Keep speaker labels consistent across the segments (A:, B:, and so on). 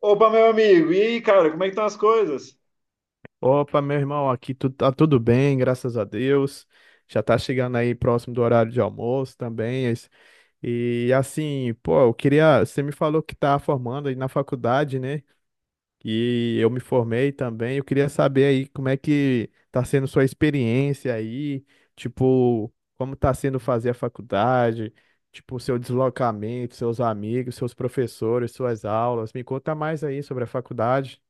A: Opa, meu amigo, e aí, cara, como é que estão as coisas?
B: Opa, meu irmão, aqui tu, tá tudo bem, graças a Deus. Já tá chegando aí próximo do horário de almoço também. E assim, pô, eu queria. Você me falou que tá formando aí na faculdade, né? E eu me formei também. Eu queria saber aí como é que tá sendo sua experiência aí, tipo, como tá sendo fazer a faculdade, tipo, seu deslocamento, seus amigos, seus professores, suas aulas. Me conta mais aí sobre a faculdade.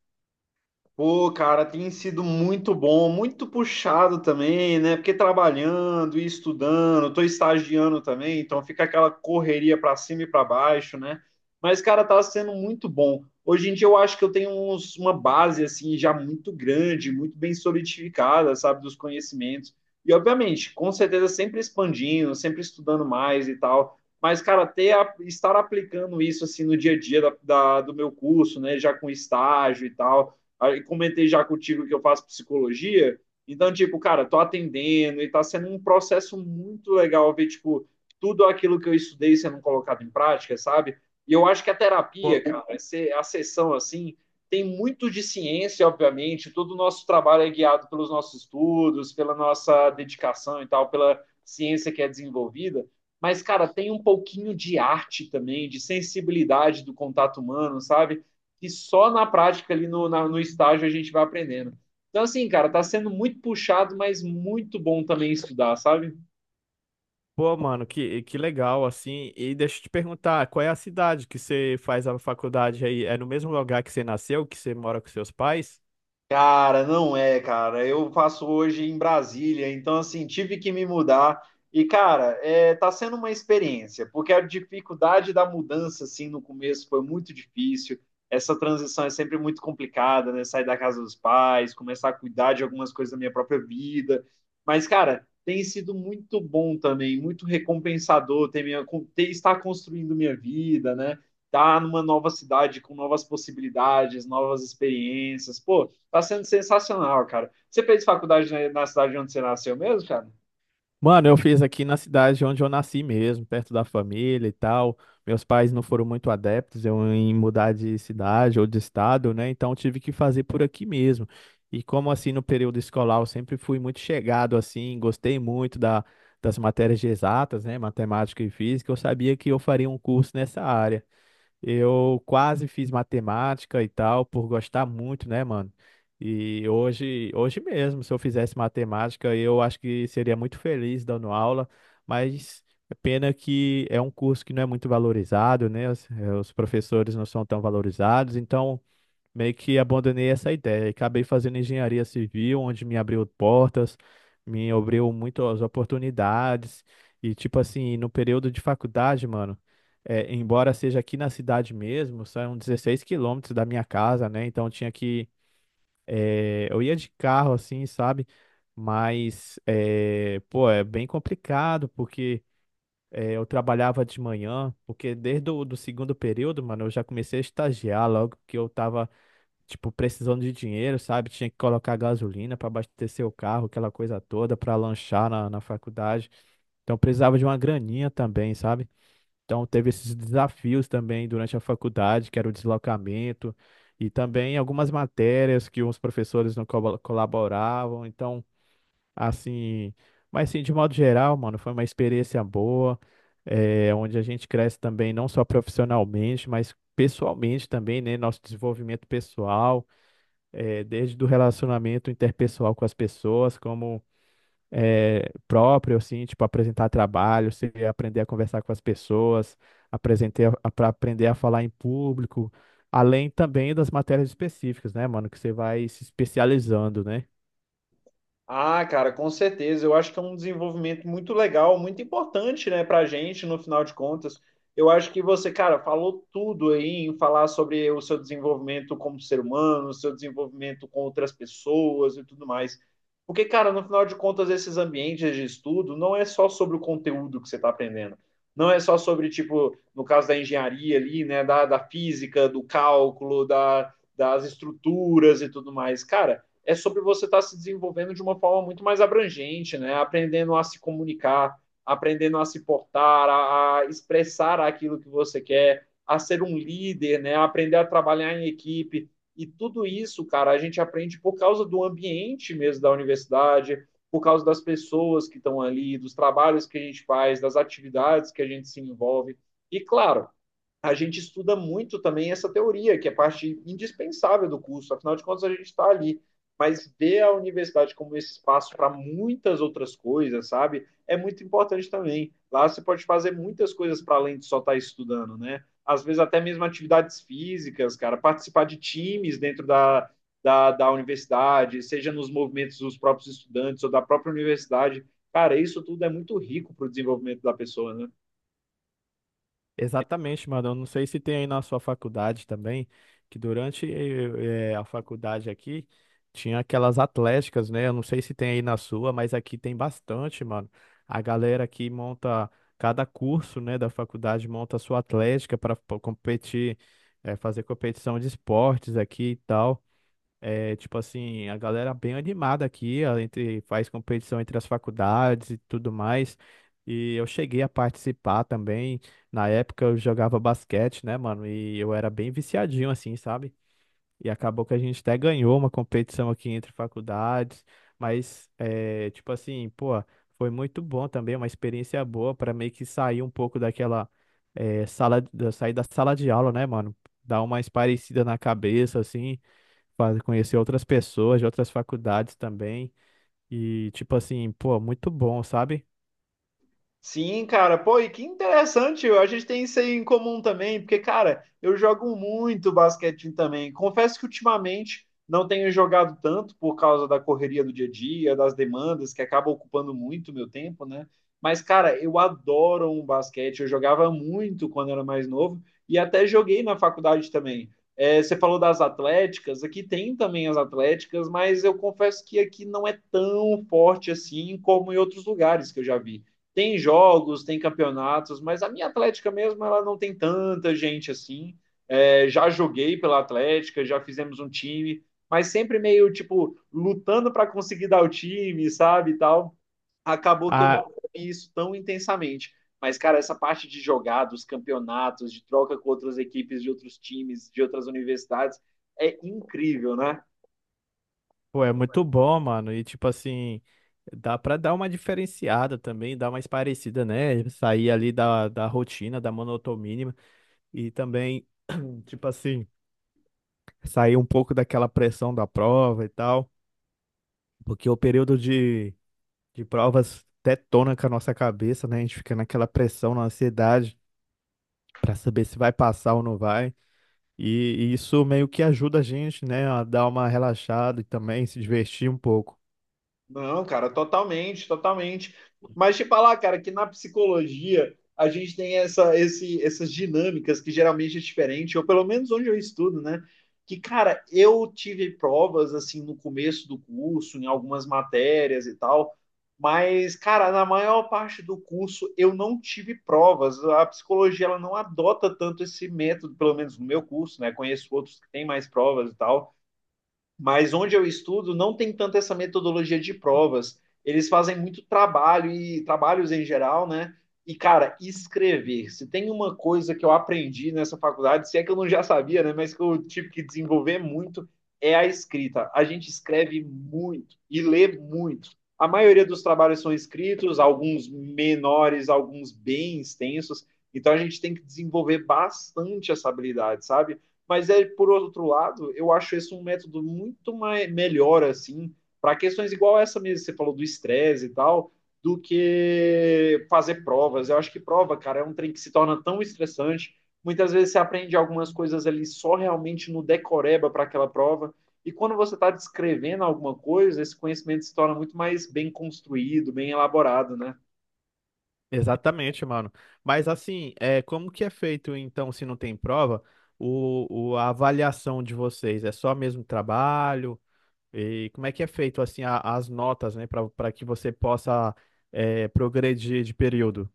A: Pô, cara, tem sido muito bom, muito puxado também, né? Porque trabalhando e estudando, tô estagiando também, então fica aquela correria para cima e para baixo, né? Mas, cara, tá sendo muito bom. Hoje em dia eu acho que uma base, assim, já muito grande, muito bem solidificada, sabe, dos conhecimentos. E, obviamente, com certeza sempre expandindo, sempre estudando mais e tal. Mas, cara, estar aplicando isso, assim, no dia a dia do meu curso, né? Já com estágio e tal. Aí comentei já contigo que eu faço psicologia. Então, tipo, cara, tô atendendo e tá sendo um processo muito legal ver, tipo, tudo aquilo que eu estudei sendo colocado em prática, sabe? E eu acho que a terapia, cara, a sessão assim, tem muito de ciência, obviamente. Todo o nosso trabalho é guiado pelos nossos estudos, pela nossa dedicação e tal, pela ciência que é desenvolvida. Mas, cara, tem um pouquinho de arte também, de sensibilidade do contato humano, sabe? Que só na prática ali no estágio a gente vai aprendendo. Então, assim, cara, tá sendo muito puxado, mas muito bom também estudar, sabe?
B: Pô, mano, que legal, assim. E deixa eu te perguntar, qual é a cidade que você faz a faculdade aí? É no mesmo lugar que você nasceu, que você mora com seus pais?
A: Cara, não é, cara. Eu faço hoje em Brasília, então assim, tive que me mudar. E, cara, é, tá sendo uma experiência, porque a dificuldade da mudança, assim, no começo foi muito difícil. Essa transição é sempre muito complicada, né? Sair da casa dos pais, começar a cuidar de algumas coisas da minha própria vida. Mas, cara, tem sido muito bom também, muito recompensador ter, estar construindo minha vida, né? Estar numa nova cidade com novas possibilidades, novas experiências. Pô, tá sendo sensacional, cara. Você fez faculdade na cidade onde você nasceu mesmo, cara?
B: Mano, eu fiz aqui na cidade onde eu nasci mesmo, perto da família e tal. Meus pais não foram muito adeptos eu em mudar de cidade ou de estado, né? Então eu tive que fazer por aqui mesmo. E como assim no período escolar eu sempre fui muito chegado assim, gostei muito das matérias de exatas, né? Matemática e física, eu sabia que eu faria um curso nessa área. Eu quase fiz matemática e tal, por gostar muito, né, mano? E hoje mesmo, se eu fizesse matemática, eu acho que seria muito feliz dando aula, mas é pena que é um curso que não é muito valorizado, né? Os professores não são tão valorizados, então meio que abandonei essa ideia e acabei fazendo engenharia civil, onde me abriu portas, me abriu muitas oportunidades. E, tipo assim, no período de faculdade, mano, é, embora seja aqui na cidade mesmo, são 16 quilômetros da minha casa, né? Então tinha que. É, eu ia de carro, assim, sabe? Mas, é, pô, é bem complicado, porque. É, eu trabalhava de manhã, porque desde o do segundo período, mano, eu já comecei a estagiar logo que eu tava tipo, precisando de dinheiro, sabe? Tinha que colocar gasolina para abastecer o carro, aquela coisa toda, para lanchar na faculdade. Então precisava de uma graninha também, sabe? Então teve esses desafios também durante a faculdade, que era o deslocamento, e também algumas matérias que os professores não colaboravam. Então, assim, mas assim, de modo geral, mano, foi uma experiência boa, é, onde a gente cresce também não só profissionalmente, mas pessoalmente também, né? Nosso desenvolvimento pessoal desde do relacionamento interpessoal com as pessoas, como próprio, assim, tipo, apresentar trabalho, você aprender a conversar com as pessoas, apresentar, para aprender a falar em público, além também das matérias específicas, né, mano, que você vai se especializando, né?
A: Ah, cara, com certeza. Eu acho que é um desenvolvimento muito legal, muito importante, né, pra gente, no final de contas. Eu acho que você, cara, falou tudo aí em falar sobre o seu desenvolvimento como ser humano, o seu desenvolvimento com outras pessoas e tudo mais. Porque, cara, no final de contas, esses ambientes de estudo não é só sobre o conteúdo que você está aprendendo. Não é só sobre, tipo, no caso da engenharia ali, né, da física, do cálculo, das estruturas e tudo mais. Cara, é sobre você estar se desenvolvendo de uma forma muito mais abrangente, né? Aprendendo a se comunicar, aprendendo a se portar, a expressar aquilo que você quer, a ser um líder, né? Aprender a trabalhar em equipe. E tudo isso, cara, a gente aprende por causa do ambiente mesmo da universidade, por causa das pessoas que estão ali, dos trabalhos que a gente faz, das atividades que a gente se envolve. E, claro, a gente estuda muito também essa teoria, que é parte indispensável do curso, afinal de contas a gente está ali. Mas ver a universidade como esse espaço para muitas outras coisas, sabe? É muito importante também. Lá você pode fazer muitas coisas para além de só estar estudando, né? Às vezes até mesmo atividades físicas, cara, participar de times dentro da universidade, seja nos movimentos dos próprios estudantes ou da própria universidade. Cara, isso tudo é muito rico para o desenvolvimento da pessoa, né?
B: Exatamente, mano. Eu não sei se tem aí na sua faculdade também, que durante a faculdade aqui tinha aquelas atléticas, né? Eu não sei se tem aí na sua, mas aqui tem bastante, mano. A galera aqui monta, cada curso, né, da faculdade monta a sua atlética para competir, fazer competição de esportes aqui e tal. É, tipo assim, a galera bem animada aqui, ó, entre, faz competição entre as faculdades e tudo mais. E eu cheguei a participar também. Na época eu jogava basquete, né, mano? E eu era bem viciadinho assim, sabe? E acabou que a gente até ganhou uma competição aqui entre faculdades. Mas, é, tipo assim, pô, foi muito bom também, uma experiência boa para meio que sair um pouco daquela, sair da sala de aula, né, mano? Dar uma espairecida na cabeça, assim conhecer outras pessoas de outras faculdades também. E, tipo assim, pô, muito bom, sabe?
A: Sim, cara, pô, e que interessante, a gente tem isso aí em comum também, porque, cara, eu jogo muito basquete também. Confesso que ultimamente não tenho jogado tanto por causa da correria do dia a dia, das demandas, que acaba ocupando muito meu tempo, né? Mas, cara, eu adoro um basquete, eu jogava muito quando era mais novo e até joguei na faculdade também. É, você falou das atléticas, aqui tem também as atléticas, mas eu confesso que aqui não é tão forte assim como em outros lugares que eu já vi. Tem jogos, tem campeonatos, mas a minha Atlética mesmo, ela não tem tanta gente assim. É, já joguei pela Atlética, já fizemos um time, mas sempre meio, tipo, lutando para conseguir dar o time, sabe, e tal. Acabou que eu
B: Ah,
A: não vi isso tão intensamente. Mas, cara, essa parte de jogar, dos campeonatos, de troca com outras equipes de outros times, de outras universidades, é incrível, né?
B: pô, é muito bom, mano. E, tipo assim, dá pra dar uma diferenciada também, dar mais parecida, né? Sair ali da rotina, da monotonia. E também, tipo assim, sair um pouco daquela pressão da prova e tal. Porque o de provas detona com a nossa cabeça, né? A gente fica naquela pressão, na ansiedade, pra saber se vai passar ou não vai. E, isso meio que ajuda a gente, né, a dar uma relaxada e também se divertir um pouco.
A: Não, cara, totalmente, totalmente. Mas te falar, cara, que na psicologia a gente tem essas dinâmicas que geralmente é diferente, ou pelo menos onde eu estudo, né? Que, cara, eu tive provas assim no começo do curso, em algumas matérias e tal, mas, cara, na maior parte do curso eu não tive provas. A psicologia ela não adota tanto esse método, pelo menos no meu curso, né? Conheço outros que têm mais provas e tal, mas onde eu estudo não tem tanto essa metodologia de provas. Eles fazem muito trabalho e trabalhos em geral, né? E, cara, escrever. Se tem uma coisa que eu aprendi nessa faculdade, se é que eu não já sabia, né? Mas que eu tive que desenvolver muito, é a escrita. A gente escreve muito e lê muito. A maioria dos trabalhos são escritos, alguns menores, alguns bem extensos. Então a gente tem que desenvolver bastante essa habilidade, sabe? Mas é por outro lado, eu acho esse um método muito mais, melhor assim para questões igual essa mesmo, que você falou do estresse e tal, do que fazer provas. Eu acho que prova, cara, é um trem que se torna tão estressante. Muitas vezes você aprende algumas coisas ali só realmente no decoreba para aquela prova. E quando você está descrevendo alguma coisa, esse conhecimento se torna muito mais bem construído, bem elaborado, né?
B: Exatamente, mano. Mas assim, é, como que é feito então, se não tem prova, a avaliação de vocês? É só mesmo trabalho? E como é que é feito assim as notas, né, para que você possa é, progredir de período?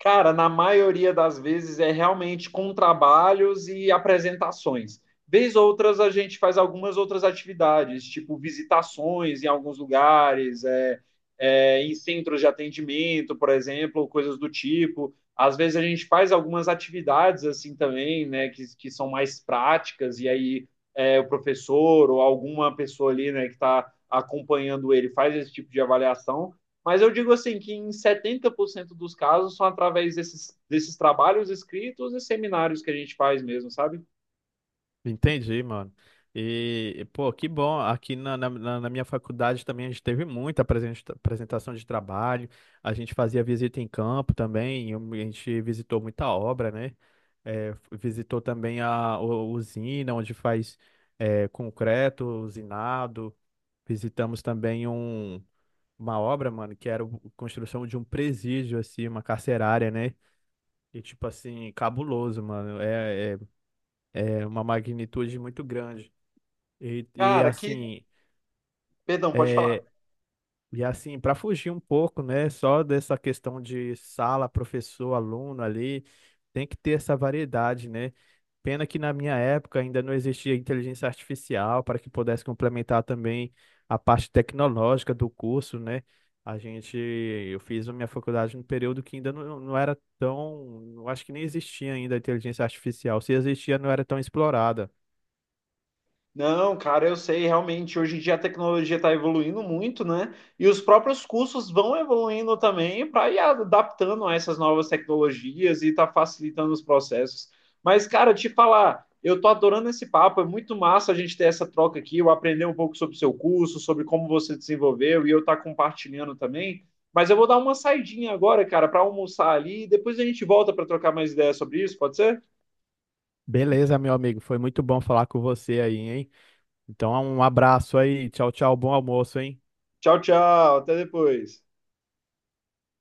A: Cara, na maioria das vezes é realmente com trabalhos e apresentações. Vez outras a gente faz algumas outras atividades, tipo visitações em alguns lugares, em centros de atendimento, por exemplo, coisas do tipo. Às vezes a gente faz algumas atividades assim também, né, que são mais práticas, e aí é, o professor ou alguma pessoa ali, né, que está acompanhando ele faz esse tipo de avaliação. Mas eu digo assim que em 70% dos casos são através desses trabalhos escritos e seminários que a gente faz mesmo, sabe?
B: Entendi, mano. E, pô, que bom. Aqui na minha faculdade também a gente teve muita apresentação de trabalho. A gente fazia visita em campo também. A gente visitou muita obra, né? É, visitou também usina, onde faz é, concreto, usinado. Visitamos também um, uma obra, mano, que era a construção de um presídio, assim, uma carcerária, né? E, tipo assim, cabuloso, mano. É uma magnitude muito grande. E, e
A: Cara, que.
B: assim,
A: Perdão, pode falar.
B: é, e assim, para fugir um pouco, né, só dessa questão de sala, professor, aluno ali, tem que ter essa variedade, né? Pena que na minha época ainda não existia inteligência artificial para que pudesse complementar também a parte tecnológica do curso, né? Eu fiz a minha faculdade num período que ainda não era tão, eu acho que nem existia ainda a inteligência artificial. Se existia, não era tão explorada.
A: Não, cara, eu sei, realmente, hoje em dia a tecnologia está evoluindo muito, né? E os próprios cursos vão evoluindo também para ir adaptando a essas novas tecnologias e está facilitando os processos. Mas, cara, te falar, eu tô adorando esse papo, é muito massa a gente ter essa troca aqui, eu aprender um pouco sobre o seu curso, sobre como você desenvolveu e eu estar compartilhando também. Mas eu vou dar uma saidinha agora, cara, para almoçar ali e depois a gente volta para trocar mais ideias sobre isso, pode ser?
B: Beleza, meu amigo, foi muito bom falar com você aí, hein? Então, um abraço aí. Tchau, tchau. Bom almoço, hein?
A: Tchau, tchau, até depois.